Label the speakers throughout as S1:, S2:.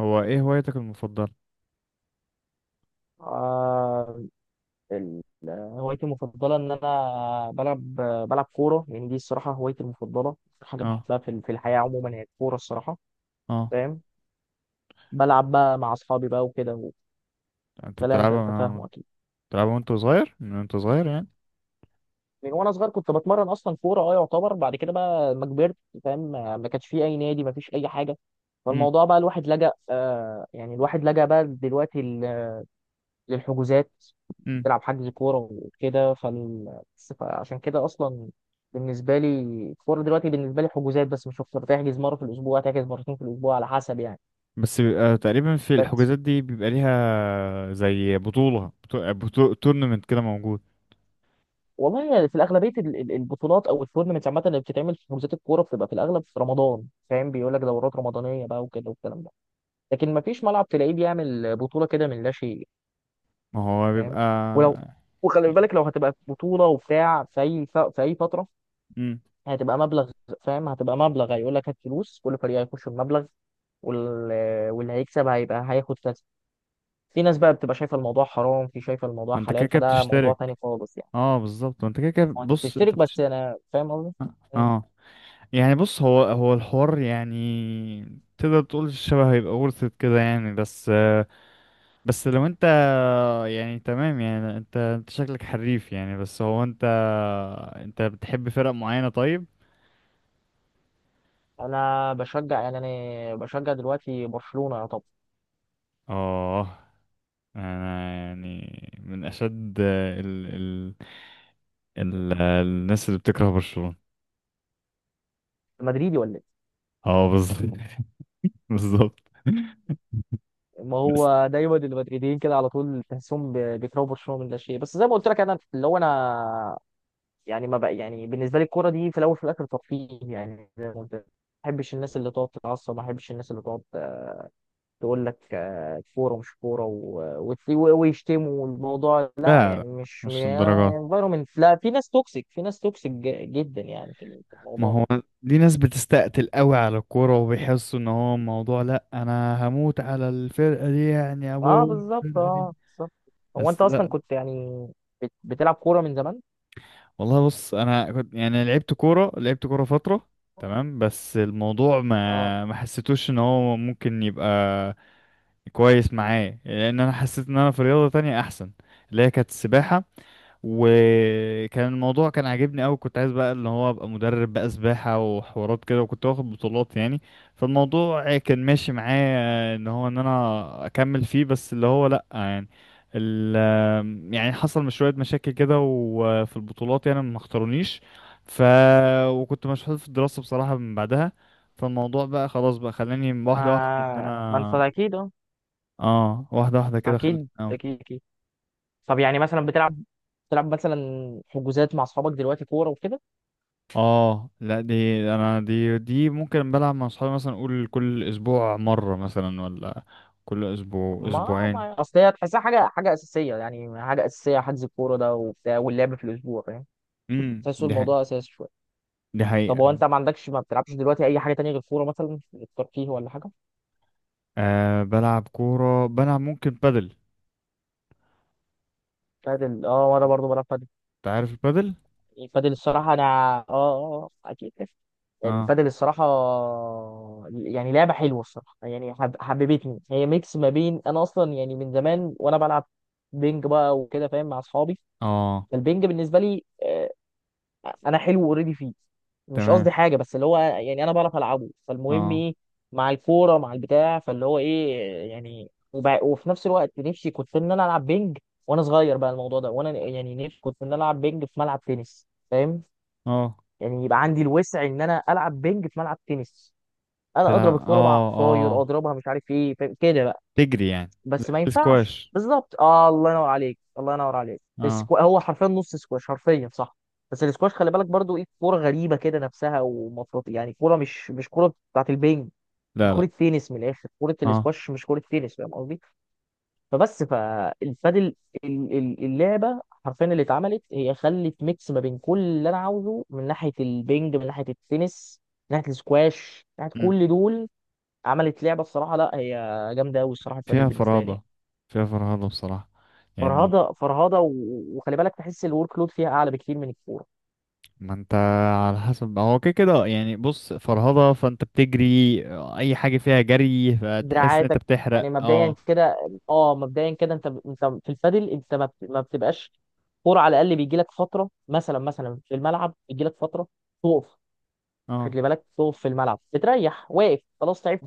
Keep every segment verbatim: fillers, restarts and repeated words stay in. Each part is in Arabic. S1: هو ايه هوايتك المفضلة؟
S2: آه، ال- هوايتي المفضلة إن أنا بلعب بلعب كورة، يعني دي الصراحة هوايتي المفضلة، حاجة
S1: اه،
S2: بحبها في في الحياة عموما هي الكورة الصراحة.
S1: اه.
S2: فاهم، بلعب بقى مع أصحابي بقى وكده،
S1: انت
S2: والكلام ده
S1: بتلعبها،
S2: أنت
S1: آه،
S2: فاهمه أكيد.
S1: بتلعبها وانت صغير، من وانت صغير يعني؟
S2: من وأنا صغير كنت بتمرن أصلا كورة، أه يعتبر، بعد كده بقى ما كبرت فاهم، ما ما كانش فيه أي نادي، ما فيش أي حاجة.
S1: امم
S2: فالموضوع بقى الواحد لجأ، آه يعني الواحد لجأ بقى دلوقتي للحجوزات،
S1: امم
S2: تلعب حجز كورة وكده. فال... فعشان كده أصلا بالنسبة لي، الكورة دلوقتي بالنسبة لي حجوزات بس مش أكتر، تحجز مرة في الأسبوع، تحجز مرتين في الأسبوع، على حسب يعني.
S1: بس بيبقى تقريبا في
S2: بس
S1: الحجوزات دي بيبقى ليها زي بطولة بطولة تورنمنت كده موجود؟
S2: والله في الأغلبية ال- ال- البطولات أو التورنمنتس عامة، اللي بتتعمل في حجوزات الكورة بتبقى في الأغلب في رمضان. فاهم، بيقول لك دورات رمضانية بقى وكده والكلام ده، لكن ما فيش ملعب تلاقيه بيعمل بطولة كده من لا شيء.
S1: ما هو
S2: فاهم،
S1: بيبقى.
S2: ولو، وخلي بالك لو هتبقى بطولة وبتاع في أي ف... في أي فترة،
S1: امم
S2: هتبقى مبلغ. فاهم، هتبقى مبلغ، هيقول لك هات فلوس، كل فريق هيخش بمبلغ، وال- واللي هيكسب هيبقى هياخد كذا. في ناس بقى بتبقى شايفه الموضوع حرام، في شايفه الموضوع
S1: ما انت كده
S2: حلال،
S1: كده
S2: فده موضوع تاني
S1: بتشترك.
S2: خالص يعني.
S1: اه، بالظبط، ما انت كده كده،
S2: هو انت
S1: بص انت
S2: بتشترك، بس
S1: بتشترك.
S2: انا فاهم قصدي. مم.
S1: اه، يعني بص، هو هو الحوار، يعني تقدر تقول الشبه هيبقى ورثة كده يعني، بس، آه، بس لو انت، اه يعني تمام، يعني انت انت شكلك حريف يعني، بس هو انت. انت بتحب فرق معينة طيب؟
S2: انا بشجع، يعني انا بشجع دلوقتي برشلونه، يا طب.
S1: اه، انا يعني من اشد ال... ال... ال... الناس اللي بتكره برشلونة.
S2: مدريدي ولا ايه؟
S1: اه، بالظبط بالظبط.
S2: ما
S1: بس
S2: هو دايما المدريديين كده على طول تحسهم ب- بيكرهوا برشلونه من لا شيء، بس زي ما قلت لك انا اللي هو انا يعني ما بقى يعني بالنسبه لي الكوره دي في الاول في الاخر ترفيه، يعني زي ما قلت لك. ما بحبش الناس اللي تقعد تتعصب، ما بحبش الناس اللي تقعد تقول لك آه، كوره مش كوره، و- وت- و- ويشتموا الموضوع، لا
S1: لا، لا،
S2: يعني مش
S1: مش الدرجات.
S2: انفايرمنت. لا، في ناس توكسيك، في ناس توكسيك ج- جدا يعني في
S1: ما
S2: الموضوع
S1: هو
S2: ده.
S1: دي ناس بتستقتل قوي على الكورة وبيحسوا ان هو موضوع، لا انا هموت على الفرقة دي، يعني ابويا
S2: اه بالظبط،
S1: الفرقة دي.
S2: اه بالظبط. هو انت
S1: بس
S2: اصلا
S1: لا،
S2: كنت يعني بت- بتلعب كوره من زمان؟
S1: والله بص انا كنت يعني لعبت كوره لعبت كوره فتره، تمام، بس الموضوع
S2: اه،
S1: ما ما حسيتوش ان هو ممكن يبقى كويس معايا، لان انا حسيت ان انا في رياضه تانية احسن، اللي هي كانت السباحه، وكان الموضوع كان عاجبني قوي، كنت عايز بقى اللي هو ابقى مدرب بقى سباحة وحوارات كده، وكنت واخد بطولات يعني. فالموضوع كان ماشي معايا ان هو ان انا اكمل فيه، بس اللي هو لا يعني، ال، يعني حصل مش شوية مشاكل كده، وفي البطولات يعني ما اختارونيش. ف وكنت مشغول في الدراسة بصراحة من بعدها. فالموضوع بقى خلاص، بقى خلاني واحدة واحدة ان
S2: آه، ما انت
S1: انا.
S2: اكيد اه،
S1: اه، واحدة واحدة كده
S2: اكيد
S1: خلاني.
S2: اكيد اكيد. طب يعني مثلا بتلعب، بتلعب مثلا حجوزات مع اصحابك دلوقتي كوره وكده؟
S1: اه، لا دي، انا دي دي ممكن بلعب مع اصحابي مثلا، اقول كل اسبوع مرة مثلا، ولا كل اسبوع
S2: ما,
S1: اسبوعين.
S2: ما اصل هي تحسها حاجه، حاجه اساسيه، يعني حاجه اساسيه حجز الكوره ده وبتاع واللعب في الاسبوع فاهم،
S1: امم
S2: تحسوا
S1: دي حقيقة.
S2: الموضوع اساسي شويه.
S1: دي حقيقة
S2: طب هو انت
S1: يعني.
S2: ما عندكش، ما بتلعبش دلوقتي اي حاجه تانية غير الكوره مثلا الترفيه، ولا حاجه؟
S1: آه، بلعب كورة، بلعب ممكن بادل.
S2: بتاعت ال- اه وانا برضه بلعب
S1: انت عارف البادل؟
S2: البادل. الصراحة أنا آه، آه، آه، أكيد
S1: اه،
S2: البادل الصراحة، يعني لعبة حلوة الصراحة، يعني حب... حببتني، هي ميكس ما بين، أنا أصلا يعني من زمان وأنا بلعب بينج بقى وكده فاهم، مع أصحابي.
S1: اه،
S2: فالبينج بالنسبة لي آه، أنا حلو أوريدي فيه، مش
S1: تمام.
S2: قصدي حاجة، بس اللي هو يعني أنا بعرف ألعبه، فالمهم
S1: اه،
S2: إيه، مع الكورة مع البتاع، فاللي هو إيه يعني وب... وفي نفس الوقت نفسي كنت إن أنا ألعب بينج، وأنا صغير بقى الموضوع ده، وأنا يعني نفسي كنت إن أنا ألعب بينج في ملعب تنس فاهم،
S1: اه.
S2: يعني يبقى عندي الوسع ان انا العب بينج في ملعب تنس، انا اضرب
S1: تلعب،
S2: الكوره بقى على
S1: اه،
S2: الطاير
S1: اه،
S2: اضربها مش عارف ايه فاهم؟ كده بقى.
S1: تجري يعني.
S2: بس ما ينفعش
S1: سكواش.
S2: بالظبط. آه، الله ينور عليك، الله ينور عليك.
S1: اه،
S2: السكو... هو حرفيا نص سكواش حرفيا، صح. بس السكواش خلي بالك برضو ايه، كوره غريبه كده نفسها، ومفروض يعني كوره مش مش كوره بتاعت البينج، مش
S1: لا، لا.
S2: كوره تنس، من الاخر كوره
S1: اه،
S2: السكواش مش كوره تنس فاهم قصدي. فبس فالبادل، ال- ال- اللعبه حرفيا اللي اتعملت، هي خلت ميكس ما بين كل اللي انا عاوزه، من ناحيه البنج، من ناحيه التنس، من ناحيه السكواش، من ناحيه
S1: امم
S2: كل دول، عملت لعبه الصراحه، لا هي جامده قوي الصراحه البادل
S1: فيها
S2: بالنسبه لي يعني.
S1: فرهضة. فيها فرهضة بصراحة يعني.
S2: فرهضه فرهضه، و- وخلي بالك تحس الورك لود فيها اعلى بكتير من الكوره،
S1: ما انت، على حسب، هو كده كده يعني، بص فرهضة فانت بتجري، اي حاجة فيها جري فتحس ان انت
S2: دراعاتك
S1: بتحرق،
S2: يعني مبدئيا
S1: اه.
S2: كده. اه، مبدئيا كده، انت انت في البادل انت ما بت- ما بتبقاش كوره، على الاقل بيجي لك فتره مثلا، مثلا في الملعب بيجي لك فتره تقف.
S1: اه،
S2: خلي بالك تقف في الملعب، بتريح واقف خلاص تعبت،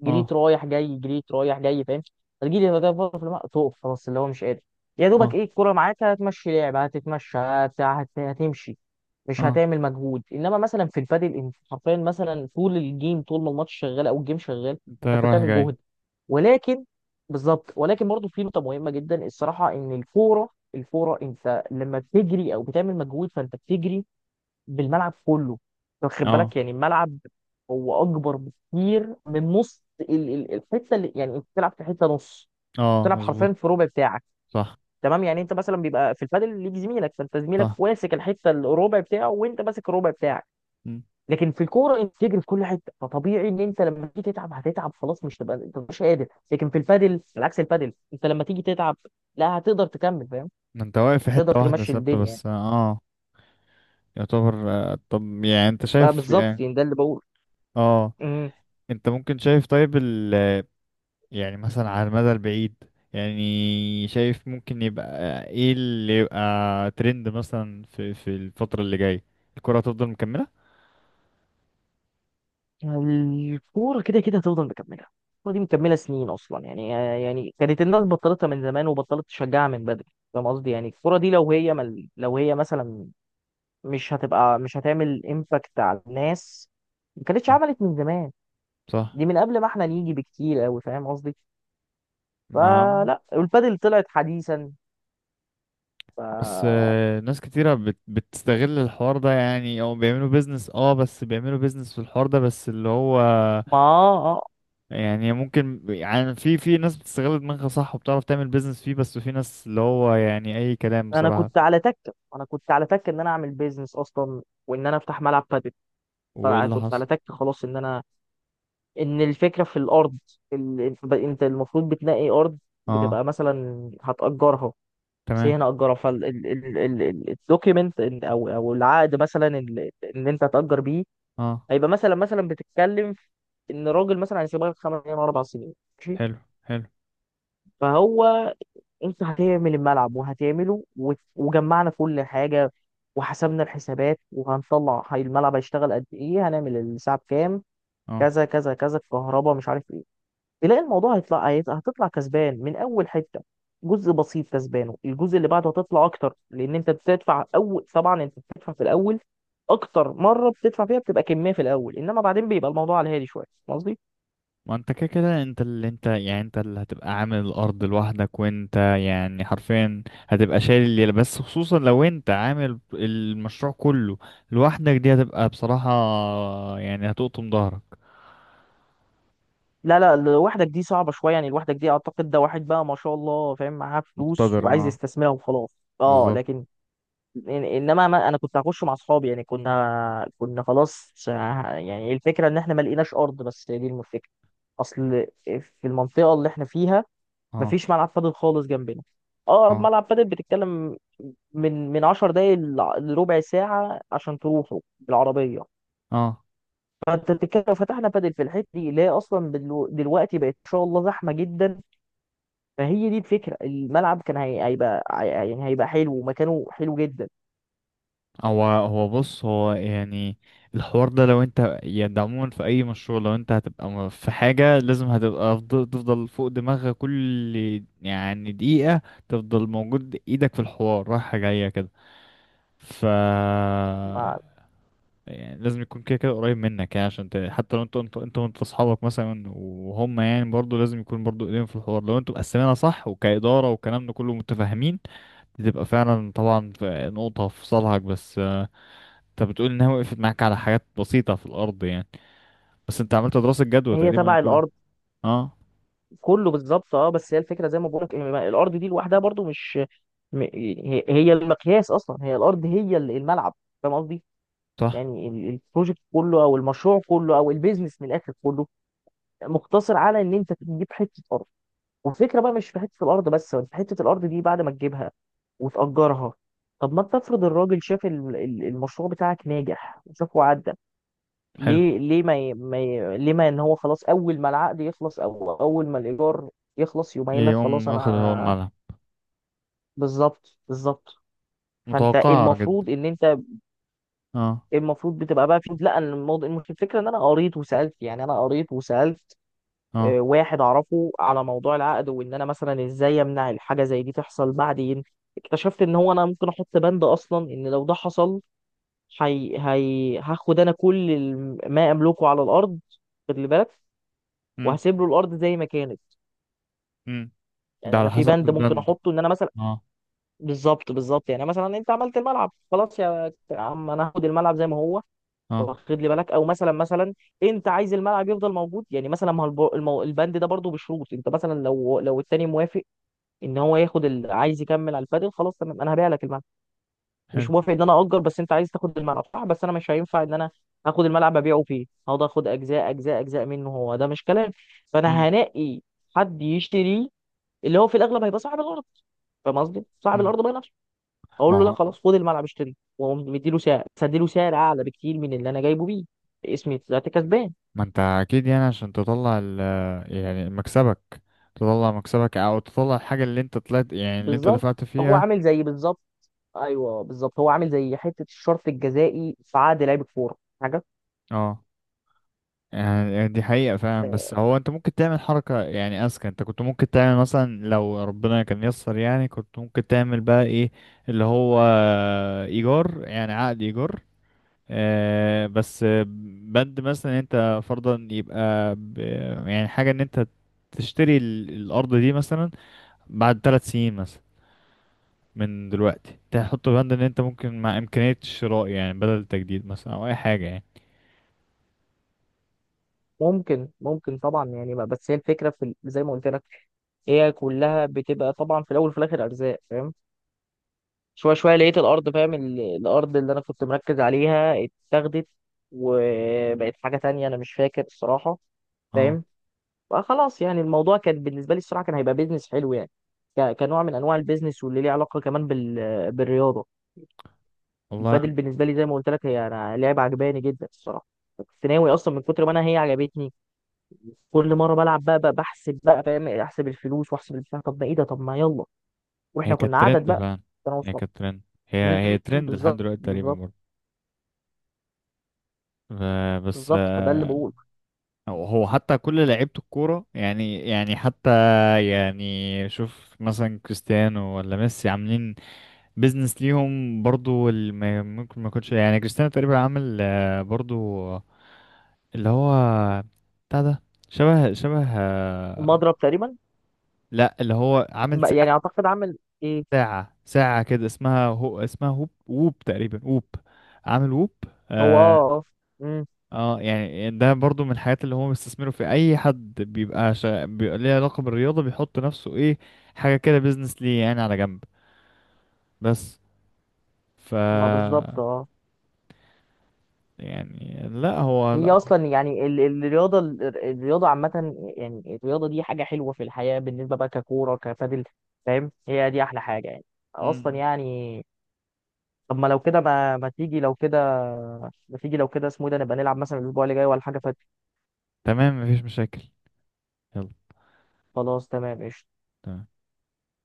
S2: جريت
S1: اه،
S2: رايح جاي، جريت رايح جاي فاهم، هتجيلي هدف بره في الملعب تقف خلاص اللي هو مش قادر، يا دوبك
S1: اه.
S2: ايه الكوره معاك هتمشي لعب، هتتمشى هتع- هت- هتمشي، مش
S1: اه
S2: هتعمل مجهود. انما مثلا في البادل انت حرفيا مثلا طول الجيم، طول ما الماتش شغال او الجيم شغال،
S1: انت
S2: فانت
S1: رايح
S2: بتعمل
S1: جاي.
S2: جهد. ولكن، بالظبط، ولكن برضه في نقطه مهمه جدا الصراحه، ان الكوره، الكوره انت لما بتجري او بتعمل مجهود فانت بتجري بالملعب كله. أنت واخد
S1: اه،
S2: بالك يعني الملعب هو اكبر بكتير من نص ال- ال- الحته، اللي يعني انت بتلعب في حته نص،
S1: اه،
S2: بتلعب
S1: مظبوط،
S2: حرفيا في ربع بتاعك.
S1: صح،
S2: تمام، يعني انت مثلا بيبقى في البادل ليك زميلك، فانت
S1: صح.
S2: زميلك واسك الحته الربع بتاعه، وانت ماسك الربع بتاعك.
S1: مم.
S2: لكن في الكوره انت تجري في كل حته، فطبيعي ان انت لما تيجي تتعب هتتعب خلاص، مش تبقى انت مش قادر، لكن في البادل، على عكس البادل انت لما تيجي تتعب لا هتقدر تكمل فاهم،
S1: ما انت واقف في
S2: تقدر
S1: حتة واحدة
S2: تمشي
S1: ثابتة
S2: الدنيا يعني
S1: بس، اه. يعتبر، آه، طب يعني انت
S2: بقى
S1: شايف
S2: بالظبط،
S1: يعني،
S2: يعني ده اللي بقوله.
S1: اه، انت ممكن شايف، طيب يعني مثلا على المدى البعيد، يعني شايف ممكن يبقى ايه اللي يبقى ترند مثلا في في الفترة اللي جاية، الكرة هتفضل مكملة؟
S2: الكورة كده كده هتفضل مكملة، الكورة دي مكملة سنين أصلا يعني، يعني كانت الناس بطلتها من زمان وبطلت تشجعها من بدري فاهم قصدي، يعني الكورة دي لو هي مل... لو هي مثلا مش هتبقى، مش هتعمل امباكت على الناس، ما كانتش
S1: آه،
S2: عملت من زمان.
S1: صح.
S2: دي من قبل ما احنا نيجي بكتير أوي فاهم قصدي،
S1: ما
S2: فلا، والبادل طلعت حديثا، ف
S1: بس،
S2: ما.
S1: آه، ناس كتيرة بت بتستغل الحوار ده يعني، او بيعملوا بيزنس، اه بس بيعملوا بيزنس في الحوار ده، بس اللي هو
S2: آه آه.
S1: يعني ممكن يعني في في ناس بتستغل دماغها صح وبتعرف تعمل بيزنس فيه، بس في ناس اللي هو يعني اي كلام
S2: أنا
S1: بصراحة.
S2: كنت على تكة، أنا كنت على تكة إن أنا أعمل بيزنس أصلا، وإن أنا أفتح ملعب بادل.
S1: وايه اللي
S2: فكنت
S1: حصل؟
S2: على تك خلاص، ان انا، ان الفكره في الارض، ال- انت، أنت المفروض بتنقي ارض،
S1: اه،
S2: بتبقى مثلا هتأجرها. بس هي
S1: تمام.
S2: هنا أجرها فالدوكيمنت، او او العقد مثلا اللي اللي انت هتأجر بيه،
S1: اه،
S2: هيبقى مثلا، مثلا بتتكلم في ان راجل مثلا هيسيبها لك خمس سنين ولا اربع سنين، ماشي.
S1: حلو، حلو.
S2: فهو، انت هتعمل الملعب وهتعمله، وت- وجمعنا كل حاجه، وحسبنا الحسابات وهنطلع، هي الملعب هيشتغل قد ايه، هنعمل الساعه بكام،
S1: اه،
S2: كذا كذا كذا، الكهرباء مش عارف ايه. تلاقي الموضوع هيطلع هيت- هتطلع كسبان من اول حته، جزء بسيط كسبانه، الجزء اللي بعده هتطلع اكتر، لان انت بتدفع اول، طبعا انت بتدفع في الاول، اكتر مره بتدفع فيها بتبقى كميه في الاول، انما بعدين بيبقى الموضوع على الهادي شويه فاهم قصدي.
S1: ما انت كده كده، انت اللي انت يعني انت اللي هتبقى عامل الارض لوحدك، وانت يعني حرفيا هتبقى شايل الليلة، بس خصوصا لو انت عامل المشروع كله لوحدك، دي هتبقى بصراحة يعني هتقطم ظهرك.
S2: لا لا، لوحدك دي صعبه شويه يعني، لوحدك دي اعتقد ده واحد بقى ما شاء الله فاهم، معاه فلوس
S1: مقتدر،
S2: وعايز
S1: اه،
S2: يستثمرها وخلاص اه،
S1: بالظبط.
S2: لكن يعني، انما ما انا كنت هخش مع اصحابي، يعني كنا كنا خلاص ه-، يعني الفكره ان احنا ما لقيناش ارض، بس هي دي الفكره، اصل في المنطقه اللي احنا فيها ما
S1: اه،
S2: فيش ملعب بادل خالص جنبنا. اقرب
S1: اه،
S2: ملعب بادل بتتكلم من من عشر دقايق لع- لربع ساعه عشان تروحوا بالعربيه.
S1: اه،
S2: فانت بتتكلم لو فتحنا بادل في الحته دي اللي هي اصلا دلو- دلوقتي بقت ان شاء الله زحمه جدا، فهي دي الفكره، الملعب كان هي- هيبقى هي- يعني هيبقى حلو ومكانه حلو جدا.
S1: هو هو بص، هو يعني الحوار ده لو انت يعني، ده عموما في اي مشروع لو انت هتبقى، م- في حاجة لازم هتبقى تفضل تفضل فوق دماغك، كل يعني دقيقة تفضل موجود، ايدك في الحوار رايحة جاية كده. ف
S2: ما-
S1: يعني لازم يكون كده كده قريب منك، يعني عشان ت... حتى لو انت انت انت وانت اصحابك مثلا، وهم يعني برضو لازم يكون برضو ايديهم في الحوار، لو انتوا مقسمينها صح وكإدارة والكلام ده كله متفاهمين، بتبقى فعلا طبعا في نقطة في صالحك. بس انت بتقول انها وقفت معاك على حاجات بسيطة في الارض يعني، بس انت عملت دراسة جدوى
S2: هي
S1: تقريبا
S2: تبع
S1: كله.
S2: الارض
S1: اه،
S2: كله بالظبط اه، بس هي الفكره زي ما بقول لك الارض دي لوحدها برضو مش، م- هي هي المقياس اصلا، هي الارض هي ال- الملعب فاهم قصدي،
S1: صح.
S2: يعني ال- البروجكت كله او المشروع كله او البيزنس من الاخر كله مقتصر على ان انت تجيب حته ارض، والفكره بقى مش في حته الارض بس، في حته الارض دي بعد ما تجيبها وتاجرها. طب ما انت افرض الراجل شاف ال- ال- المشروع بتاعك ناجح وشافه عدى،
S1: حلو،
S2: ليه، ليه ما ي... ما ي... ليه ما ان هو خلاص اول ما العقد يخلص او اول ما الايجار يخلص يقوم قايل لك
S1: يقوم
S2: خلاص
S1: واخد هو
S2: انا،
S1: الملعب،
S2: بالظبط بالظبط. فانت
S1: متوقعة جدا.
S2: المفروض ان انت
S1: اه،
S2: المفروض بتبقى بقى في، لا أنا الموضوع المش- الفكره ان انا قريت وسالت، يعني انا قريت وسالت
S1: اه.
S2: آه، واحد اعرفه على موضوع العقد، وان انا مثلا ازاي امنع الحاجه زي دي تحصل بعدين. اكتشفت ان هو انا ممكن احط بند اصلا، ان لو ده حصل، هي... هي... هاخد انا كل الم- ما املكه على الارض، خد لي بالك،
S1: امم
S2: وهسيب له الارض زي ما كانت.
S1: امم ده
S2: يعني
S1: على
S2: انا في
S1: حسب
S2: بند ممكن
S1: البند.
S2: احطه ان انا مثلا،
S1: اه،
S2: بالظبط بالظبط، يعني مثلا انت عملت الملعب خلاص يا عم انا هاخد الملعب زي ما هو،
S1: اه،
S2: واخد لي بالك. او مثلا، مثلا انت عايز الملعب يفضل موجود يعني مثلا، ما هو الب- المو- البند ده برضه بشروط، انت مثلا لو لو التاني موافق ان هو ياخد ال... عايز يكمل على الفاضل خلاص تمام، انا هبيع لك الملعب. مش
S1: حلو.
S2: موافق ان انا اجر بس انت عايز تاخد الملعب صح، بس انا مش هينفع ان انا هاخد الملعب ابيعه فيه، هقعد اخد اجزاء اجزاء اجزاء منه، هو ده مش كلام.
S1: امم
S2: فانا هنقي حد يشتريه، اللي هو في الاغلب هيبقى صاحب الارض فاهم قصدي؟ صاحب
S1: امم
S2: الارض بقى نفسه،
S1: ما
S2: اقول له لا
S1: هو
S2: خلاص خد الملعب اشتري، واقوم مديله سعر، بس اديله سعر اعلى بكتير من اللي انا جايبه بيه، اسمي طلعت كسبان.
S1: ما انت اكيد يعني، عشان تطلع ال يعني مكسبك، تطلع مكسبك او تطلع الحاجة اللي انت طلعت يعني، اللي انت
S2: بالظبط،
S1: دفعت
S2: هو
S1: فيها.
S2: عامل زي بالظبط، ايوه بالظبط هو عامل زي حته الشرط الجزائي في عقد لعيب الكوره حاجه.
S1: اه، يعني دي حقيقة فعلا. بس هو انت ممكن تعمل حركة يعني اذكى، انت كنت ممكن تعمل مثلا لو ربنا كان يسر يعني، كنت ممكن تعمل بقى ايه، اللي هو ايجار، يعني عقد ايجار، آه، بس بند مثلا انت فرضا يبقى، ب- يعني حاجة ان انت تشتري، ال- الارض دي مثلا بعد ثلاث سنين مثلا من دلوقتي، تحط بند ان انت ممكن مع امكانية الشراء، يعني بدل التجديد مثلا، او اي حاجة يعني.
S2: ممكن ممكن طبعا يعني، بس هي الفكره في ال- زي ما قلت لك هي كلها بتبقى طبعا في الاول وفي الاخر ارزاق فاهم. شوية شوية لقيت الأرض فاهم، ال- الأرض اللي أنا كنت مركز عليها اتاخدت وبقت حاجة تانية أنا مش فاكر الصراحة
S1: اه،
S2: فاهم. فخلاص يعني الموضوع كان بالنسبة لي الصراحة كان هيبقى بيزنس حلو يعني، ك- كنوع من أنواع البيزنس واللي ليه علاقة كمان بال... بالرياضة.
S1: والله
S2: البادل بالنسبة لي زي ما قلت لك، هي أنا لعبة عجباني جدا الصراحة، كنت ناوي أصلا من كتر ما أنا هي عجبتني، كل مرة بلعب بقى, بقى بحسب بقى فاهم، أحسب الفلوس وأحسب البتاع، طب ما إيه ده، طب ما يلا،
S1: هي
S2: وإحنا
S1: كانت
S2: كنا عدد
S1: ترند
S2: بقى
S1: فعلا.
S2: أنا
S1: هي
S2: وأصحابي.
S1: كانت ترند. هي هي
S2: أمم،
S1: ترند لحد
S2: بالظبط
S1: دلوقتي تقريبا
S2: بالظبط،
S1: برضه. ف- بس،
S2: بالظبط فده اللي
S1: آه،
S2: بقول.
S1: هو حتى كل لعيبة الكورة يعني يعني حتى، يعني شوف مثلا كريستيانو ولا ميسي عاملين بيزنس ليهم برضو، اللي ما- ممكن ما يكونش، يعني كريستيانو تقريبا عامل، آه، برضو اللي هو بتاع ده، شبه شبه، آه،
S2: المضرب تقريبا،
S1: لا اللي هو عامل
S2: ما- يعني اعتقد عامل ايه.
S1: ساعة، ساعة كده اسمها، هو اسمها هوب، ووب تقريبا، ووب، عامل ووب.
S2: هو
S1: اه,
S2: اه اه، امم.
S1: آه يعني ده برضو من الحاجات اللي هم بيستثمروا، في أي حد بيبقى، شا... بيبقى ليه علاقة بالرياضة، بيحط نفسه إيه حاجة كده، بيزنس ليه يعني على جنب، بس، ف
S2: ما بالظبط اه،
S1: يعني لا هو
S2: هي
S1: لا.
S2: اصلا يعني ال- ال- الرياضه ال- الرياضه عامه، يعني الرياضه دي حاجه حلوه في الحياه، بالنسبه بقى ككوره كبادل فاهم، هي دي احلى حاجه يعني اصلا
S1: مم.
S2: يعني. طب ما لو كده، ما ما تيجي لو كده، ما تيجي لو كده اسمه إيه ده نبقى نلعب مثلا الاسبوع اللي جاي ولا حاجه فات.
S1: تمام، مفيش مشاكل، يلا،
S2: خلاص تمام قشطه.
S1: تمام.